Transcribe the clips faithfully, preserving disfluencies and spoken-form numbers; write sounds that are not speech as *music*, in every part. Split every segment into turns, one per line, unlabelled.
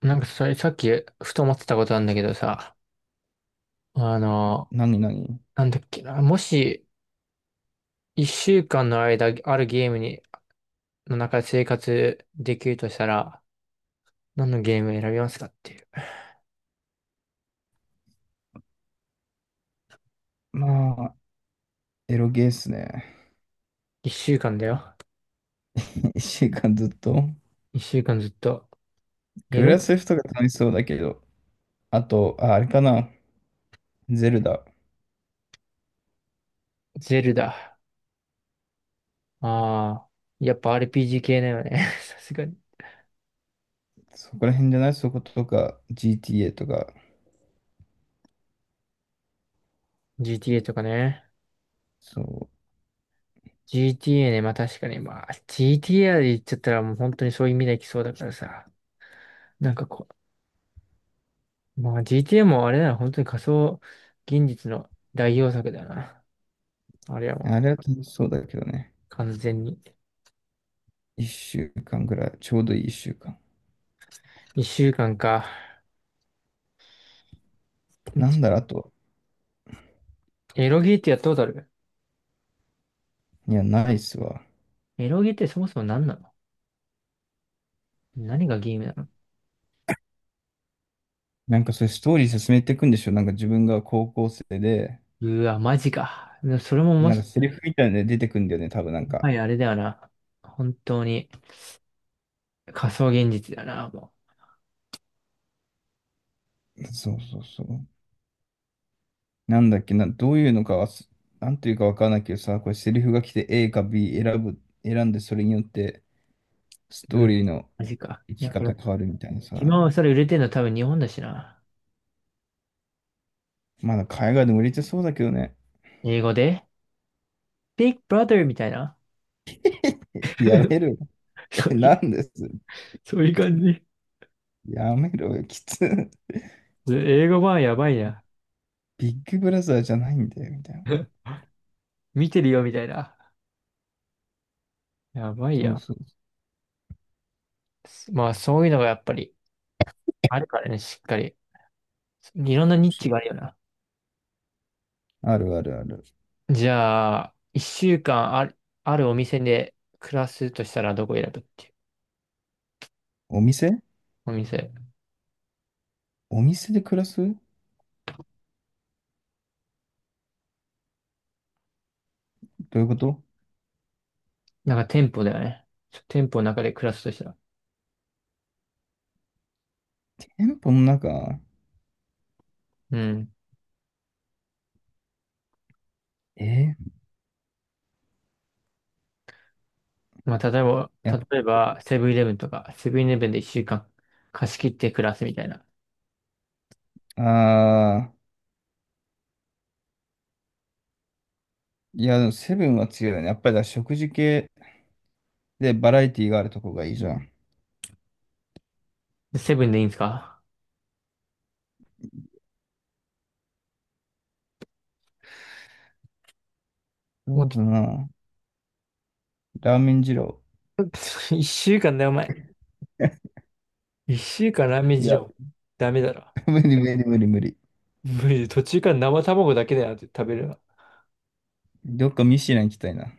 なんかそれさっきふと思ってたことなんだけどさ、あの、
何何
なんだっけな、もし一週間の間あるゲームに、の中で生活できるとしたら、何のゲームを選びますかっていう。
まあ、エロゲーっすね。
一週間だよ。
*laughs* いっしゅうかんずっと。
一週間ずっと。エ
グ
ロ
ラセフとか楽しそうだけど、あと、あ、あれかな、ゼルダ。
ゼルダ。ああ、やっぱ アールピージー 系だよね。*laughs* さすがに。
そこら辺じゃないそことか、ジーティーエー とか。
GTA とかね。
そう。
GTA ね、まあ確かに、まあ ジーティーエー で言っちゃったらもう本当にそういう未来来そうだからさ。なんかこまあ ジーティーエー もあれだな、本当に仮想現実の代表作だよな。あれはもう
あれは楽しそうだけどね。
完全に。
いっしゅうかんぐらい。ちょうどいいいっしゅうかん。
一週間か。
なんだろう、あと。
エロゲーってやったことある？
いや、ないっすわ。
エロゲーってそもそも何なの？何がゲームなの？
なんかそれストーリー進めていくんでしょ、なんか自分が高校生で、
うわ、マジか。でもそれも
で
も
なんか
し、
セリフみたいなので出てくんだよね、多分なん
もは
か。
りあれだよな。本当に仮想現実だな、も
そうそうそう。なんだっけな、どういうのかはす、なんていうかわからないけどさ、これセリフが来て A か B 選ぶ、選んでそれによってスト
う。う
ー
わ
リーの
マジか。
生
い
き
や、こ
方
れ
変わるみたいなさ。
今はそれ売れてるの多分日本だしな。
まだ海外でも売れてそうだけどね。
英語で Big Brother みたいな。
*laughs* や
*laughs*
めろよ。*laughs*
そ
え、
うい
なんです。
う、そういう感じ。
やめろよ。きつ。
英語版やばいな。
ビッグブラザーじゃないんだよ、みたいな。
*laughs* 見てるよ、みたいな。やばい
そう
や、
そう
まあ、そういうのがやっぱりあるからね、しっかり。いろんなニッ
そ
チ
う。
があるよな。
あるあるある。
じゃあ、一週間ある、あるお店で暮らすとしたらどこ選ぶっていう。
お店。
お店。
お店で暮らす、どういうこと？
なんか店舗だよね。店舗の中で暮らすとしたら。
店舗の中。
うん。
えー
まあ、例えば、
やっ
例えば、セブンイレブンとか、セブンイレブンで一週間貸し切って暮らすみたいな。
ぱ、ああ、いや、でもセブンは強いよね。やっぱりだから食事系、で、バラエティがあるとこがいいじゃん。
セブンでいいんですか？も
そ
う、
うだな。ラーメン二郎。
*laughs* 一週間だよ、お前。
*laughs*
一週間ラーメン
い
事
や、
情。ダメだろ。
*laughs* 無理無理無理無理。
無理、途中から生卵だけだよって食べるの。
どっかミシュラン行きたいな。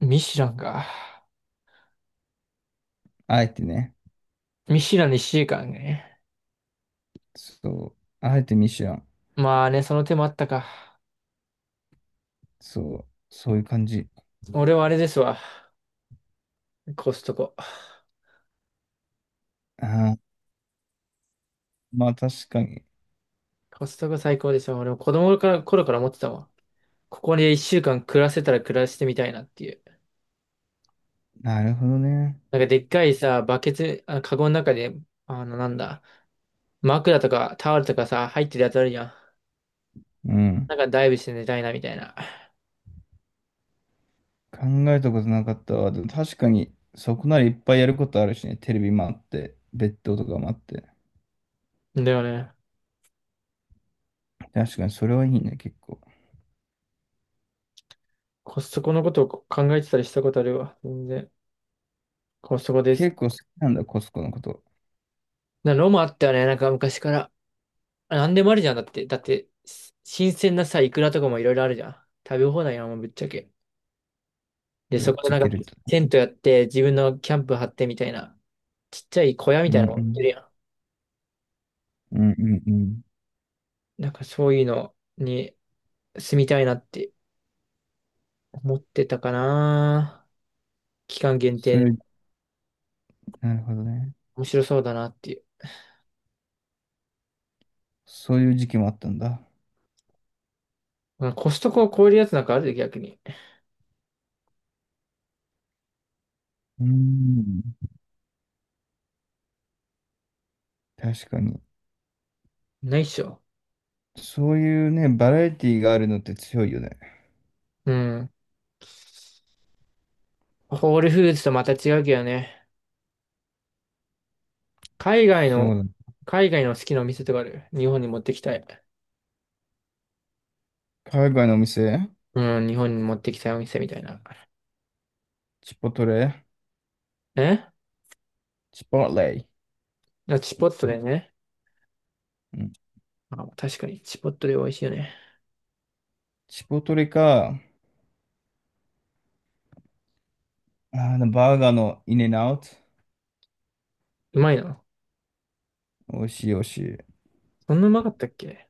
ミシュランか。
あえてね。
ミシュランにいちじかんね。
そう。あえてミシュラン。
まあね、その手もあったか。
そう。そういう感じ。
俺はあれですわ。コストコ。
ああ、まあ確かに。
コストコ最高ですよ。俺も子供から、頃から思ってたわ。ここでいっしゅうかん暮らせたら暮らしてみたいなっていう。
なるほどね。
なんかでっかいさ、バケツ、あ、カゴの中で、あの、なんだ、枕とかタオルとかさ、入ってるやつあるじゃん。
うん。
なんかダイブして寝たいなみたいな。
考えたことなかったわ。でも確かに、そこならいっぱいやることあるしね。テレビもあって、ベッドとかもあって。
だよね。
確かにそれはいいね、結構。
コストコのことを考えてたりしたことあるわ。全然。コストコです。
結構好きなんだ、コスコのこと。
なのもあったよね。なんか昔から。あなんでもあるじゃん。だって、だって、し新鮮なさ、イクラとかもいろいろあるじゃん。食べ放題やもん、ぶっちゃけ。で、
ぶっ
そこで
ちゃ
なん
け
か、
ると。
テントやって、自分のキャンプ張ってみたいな、ちっちゃい小屋み
うん
たいな
う
の持ってる
ん。
や
うんうんうん。
ん。なんかそういうのに住みたいなって思ってたかな。期間限定
そうい
で
う、なるほどね。
面白そうだなっていう。
そういう時期もあったんだ。
まあコストコを超えるやつなんかあるで、逆に。
うん。確かに。
ないっしょ。
そういうね、バラエティがあるのって強いよね。
うん。ホールフーズとまた違うけどね。海外
そう
の、
だ。
海外の好きなお店とかある日本に持ってきたい。
海外のお店。
うん、日本に持ってきたいお店みたいな。
チポトレ。
え
チポレ。
あチポットでね。
うん。
あ、確かに、チポットで美味しいよね。
チポトレか、あの、バーガーのインエンアウト。
うまいな。
美味しい美味しい。う
そんなうまかったっけ？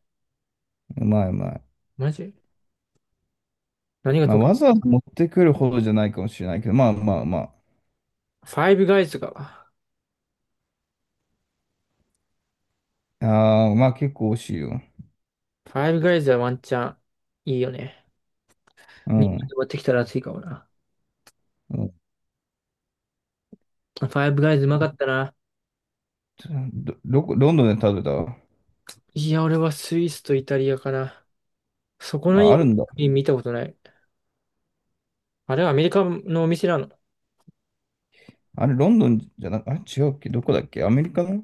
まいうまい。
マジ？何が
まあ、
と、フ
わざわざ持ってくるほどじゃないかもしれないけど、まあまあま
ァイブガイズか。
あ。ああ、まあ結構美味しいよ。
ファイブガイズはワンチャンいいよね。
う
日本に
ん。
持ってきたら熱いかもな。
うん。
ファイブガイズうまかったな。
ど、どこ、ロンドンで食べた？
いや、俺はスイスとイタリアかな。そこのい
あ、あ
い
るんだ。
国見たことない。あれはアメリカのお店なの？
あれ、ロンドンじゃなく、あれ、違うっけ、どこだっけ、アメリカの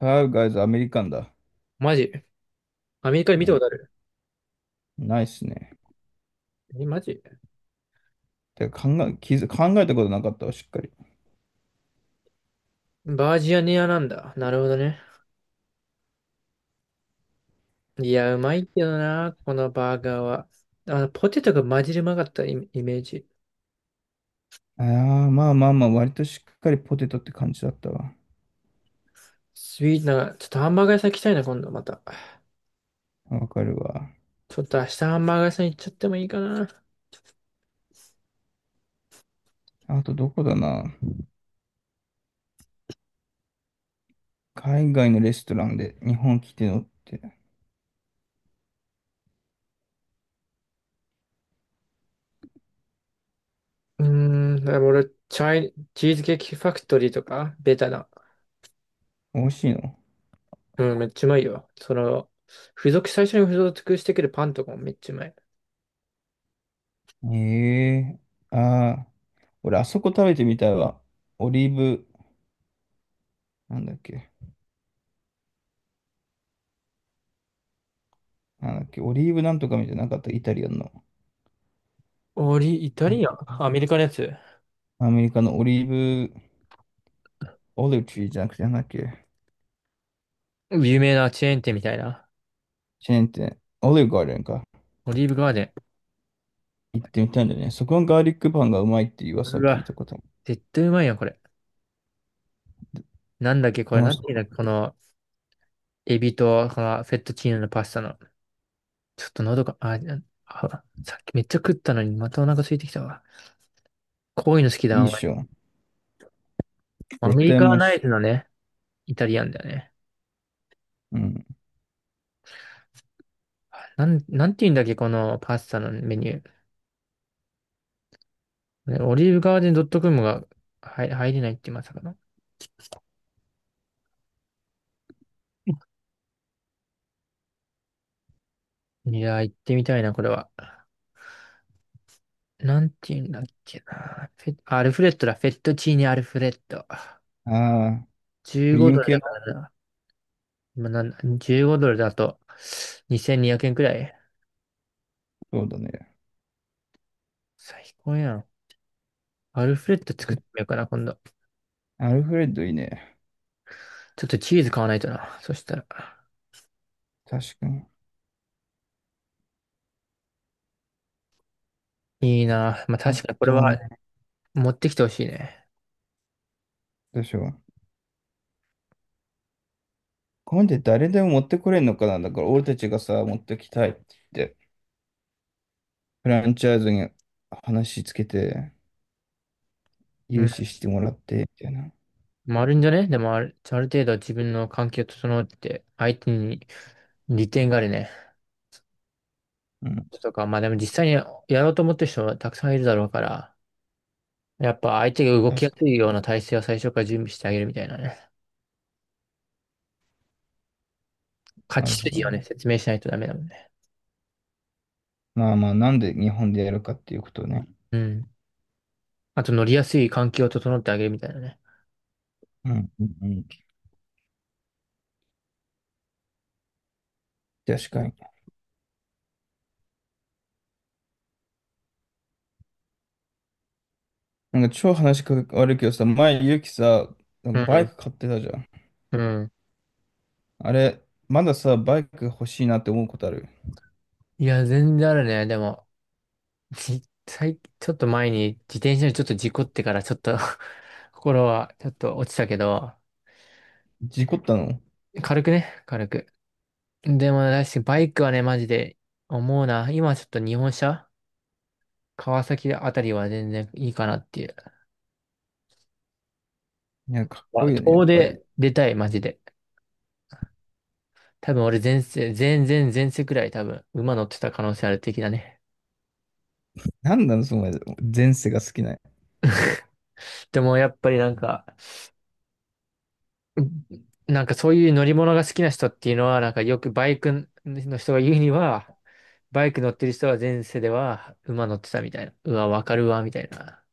エフアイブイジー アメリカンだ。
マジ？アメリカで
う
見たこ
ん。
とある？
ないっすね。
え、マジ？
てか考え、気づ、考えたことなかったわ、しっかり。
バージニアなんだ。なるほどね。いや、うまいけどな、このバーガーは。あの、ポテトが混じりうまかったイメイメージ。
ああ、まあまあまあ、割としっかりポテトって感じだったわ。
スイーツな、ちょっとハンバーガー屋さん行きたいな、今度また。
わかるわ。
ちょっと明日ハンバーガー屋さん行っちゃってもいいかな。
あと、どこだな、海外のレストランで日本来てのって、
うーん、でも俺、チャイ、チーズケーキファクトリーとか、ベタな。
美味しいの？
うん、めっちゃうまいよ。その、付属、最初に付属してくるパンとかもめっちゃうまい。
ええーああ、俺、あそこ食べてみたいわ。オリーブ、なんだっけ、なんだっけ、オリーブなんとかみたいなのなかった、イタリアンの。
オリ、イタ
え、
リアンアメリカのやつ
アメリカのオリーブ、オリチじゃなくて、なんだっけ、
有名なチェーン店みたいな。
チェーン店、オリーブガーデンか。
オリーブガーデン。
行ってみたいんだよね。そこのガーリックパンがうまいっていう噂
う
を聞いた
わ、
ことある。
絶対うまいやん、これ。なんだっけ、こ
う
れ、
ま
なん
そ
ていうんだっけ、この、エビと、このフェットチーノのパスタの。ちょっと喉が、あ、あ、さっきめっちゃ食ったのに、またお腹空いてきたわ。こういうの好き
う。い
だ、
いっ
お前。
しょ。
ア
絶
メリ
対う
カ
まいっ
ナ
し
イ
ょ。
ズのね、イタリアンだよね。
うん。
なん、なんていうんだっけ、このパスタのメニュー。ねオリーブガーデンドットコムが入、入れないってまさかの。いやー、行ってみたいな、これは。なんていうんだっけな。フェ、アルフレッドだ、フェットチーニアルフレッド。
ああ、クリ
じゅうご
ーム
ドル
系
だ
の。
からな。まあ、なん、じゅうごドルだとにせんにひゃくえんくえんくらい。
そうだね。
最高やん。アルフレッド作っ
絶
てみようかな、今度。
アルフレッドいいね。
ちょっとチーズ買わないとな。そしたら。
確かに。
いいな。まあ、
あ
確かにこれ
とはね、
は持ってきてほしいね。
どうしよう。これで誰でも持ってこれんのかな、だから俺たちがさ、持ってきたいって言って、フランチャイズに話つけて、
う
融
ん。
資してもらって、みたいな。
まあ、あるんじゃね？でもある、ある程度自分の関係を整って、相手に利点があるね。
うん。
とか、まあでも実際にやろうと思ってる人はたくさんいるだろうから、やっぱ相手が動きや
確か
すいような体制を最初から準備してあげるみたいなね。
に。
勝
な
ち
るほ
筋をね、
ど。
説明しないとダメだもんね。
まあまあ、なんで日本でやるかっていうことね。
うん。あと乗りやすい環境を整ってあげるみたいなね。
うん、うん、うん。確かに。なんか超話が悪いけどさ、前、ゆうきさ、なん
う
かバイ
ん、
ク買ってたじゃん。
うん。
あれ、まださ、バイク欲しいなって思うことある？
いや、全然あるね。でも、実際、ちょっと前に自転車にちょっと事故ってからちょっと *laughs* 心はちょっと落ちたけど、
事故ったの？い
軽くね、軽く。でも、確かにバイクはね、マジで思うな。今ちょっと日本車川崎あたりは全然いいかなっていう。
や、かっこ
あ
いいよね、やっ
遠
ぱり。
出出たい、マジで。多分俺前世、前前前世くらい多分馬乗ってた可能性ある的だね。
なんなの、その前世が好きな。
でもやっぱりなんか、なんかそういう乗り物が好きな人っていうのは、なんかよくバイクの人が言うには、バイク乗ってる人は前世では馬乗ってたみたいな。うわ、わかるわ、みたいな。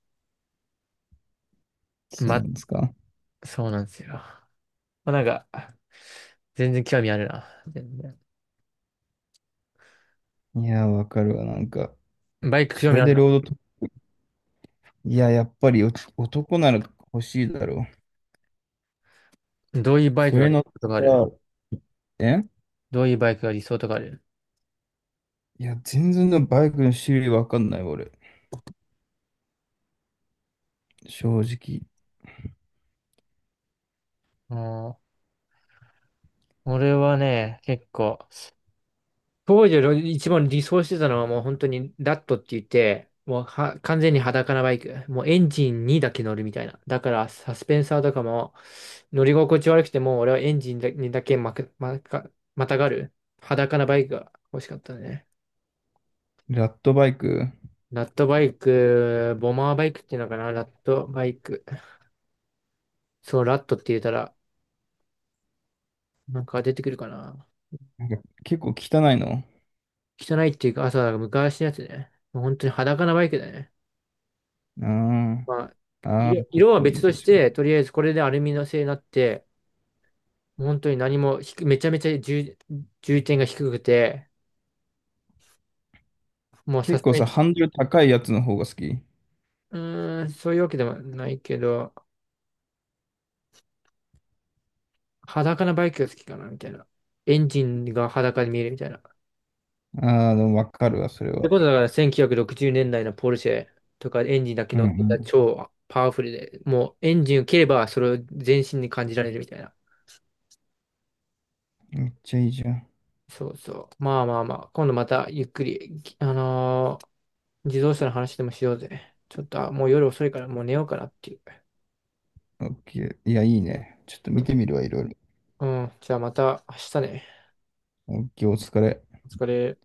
そう
ま、
なんですか。
そうなんですよ。まあ、なんか、全然興味あるな。全然
いや、わかるわ、なんか。
バイク興
そ
味
れ
あ
で
る？
ロードと、いや、やっぱり、お男なら欲しいだろう。
のどういうバイ
そ
クが
れ
理想
の
とかある
さ、え
どういうバイクが理想とかある
いや、全然のバイクの種類わかんない、俺。正直。
うん俺はね、結構、当時の一番理想してたのはもう本当にラットって言って、もうは完全に裸なバイク。もうエンジンにだけ乗るみたいな。だからサスペンサーとかも乗り心地悪くてもう俺はエンジンにだけまく、まか、またがる裸なバイクが欲しかったね。
ラットバイク。
ラットバイク、ボマーバイクっていうのかなラットバイク。そう、ラットって言ったらなんか出てくるかな。
なんか結構汚いの？
汚いっていうか、あ、そうだ、昔のやつね。もう本当に裸なバイクだね。
あ
まあ、
あ、ああ、
色、
かっ
色は
こいい
別
ね、
とし
確かに。
て、とりあえずこれでアルミの製になって、本当に何も低めちゃめちゃ重、重点が低くて、もうさ
結
す
構
が
さ、
に、
ハンドル高いやつの方が好き。
うーん、そういうわけでもないけど、裸なバイクが好きかな、みたいな。エンジンが裸で見えるみたいな。そ
ああ、でもわかるわ、それ
いう
は。
ことだからせんきゅうひゃくろくじゅうねんだいのポルシェとかエンジンだけ
うんう
乗ってた
ん。
超パワフルで、もうエンジンを切ればそれを全身に感じられるみたいな。
めっちゃいいじゃん。
そうそう。まあまあまあ、今度またゆっくり、あのー自動車の話でもしようぜ。ちょっと、あ、もう夜遅いからもう寝ようかなっていう。
オッケー。いや、いいね。ちょっと見
う
てみるわ、いろいろ。
ん、うんじゃあまた明日ね。
オッケー、お疲れ。
お疲れ。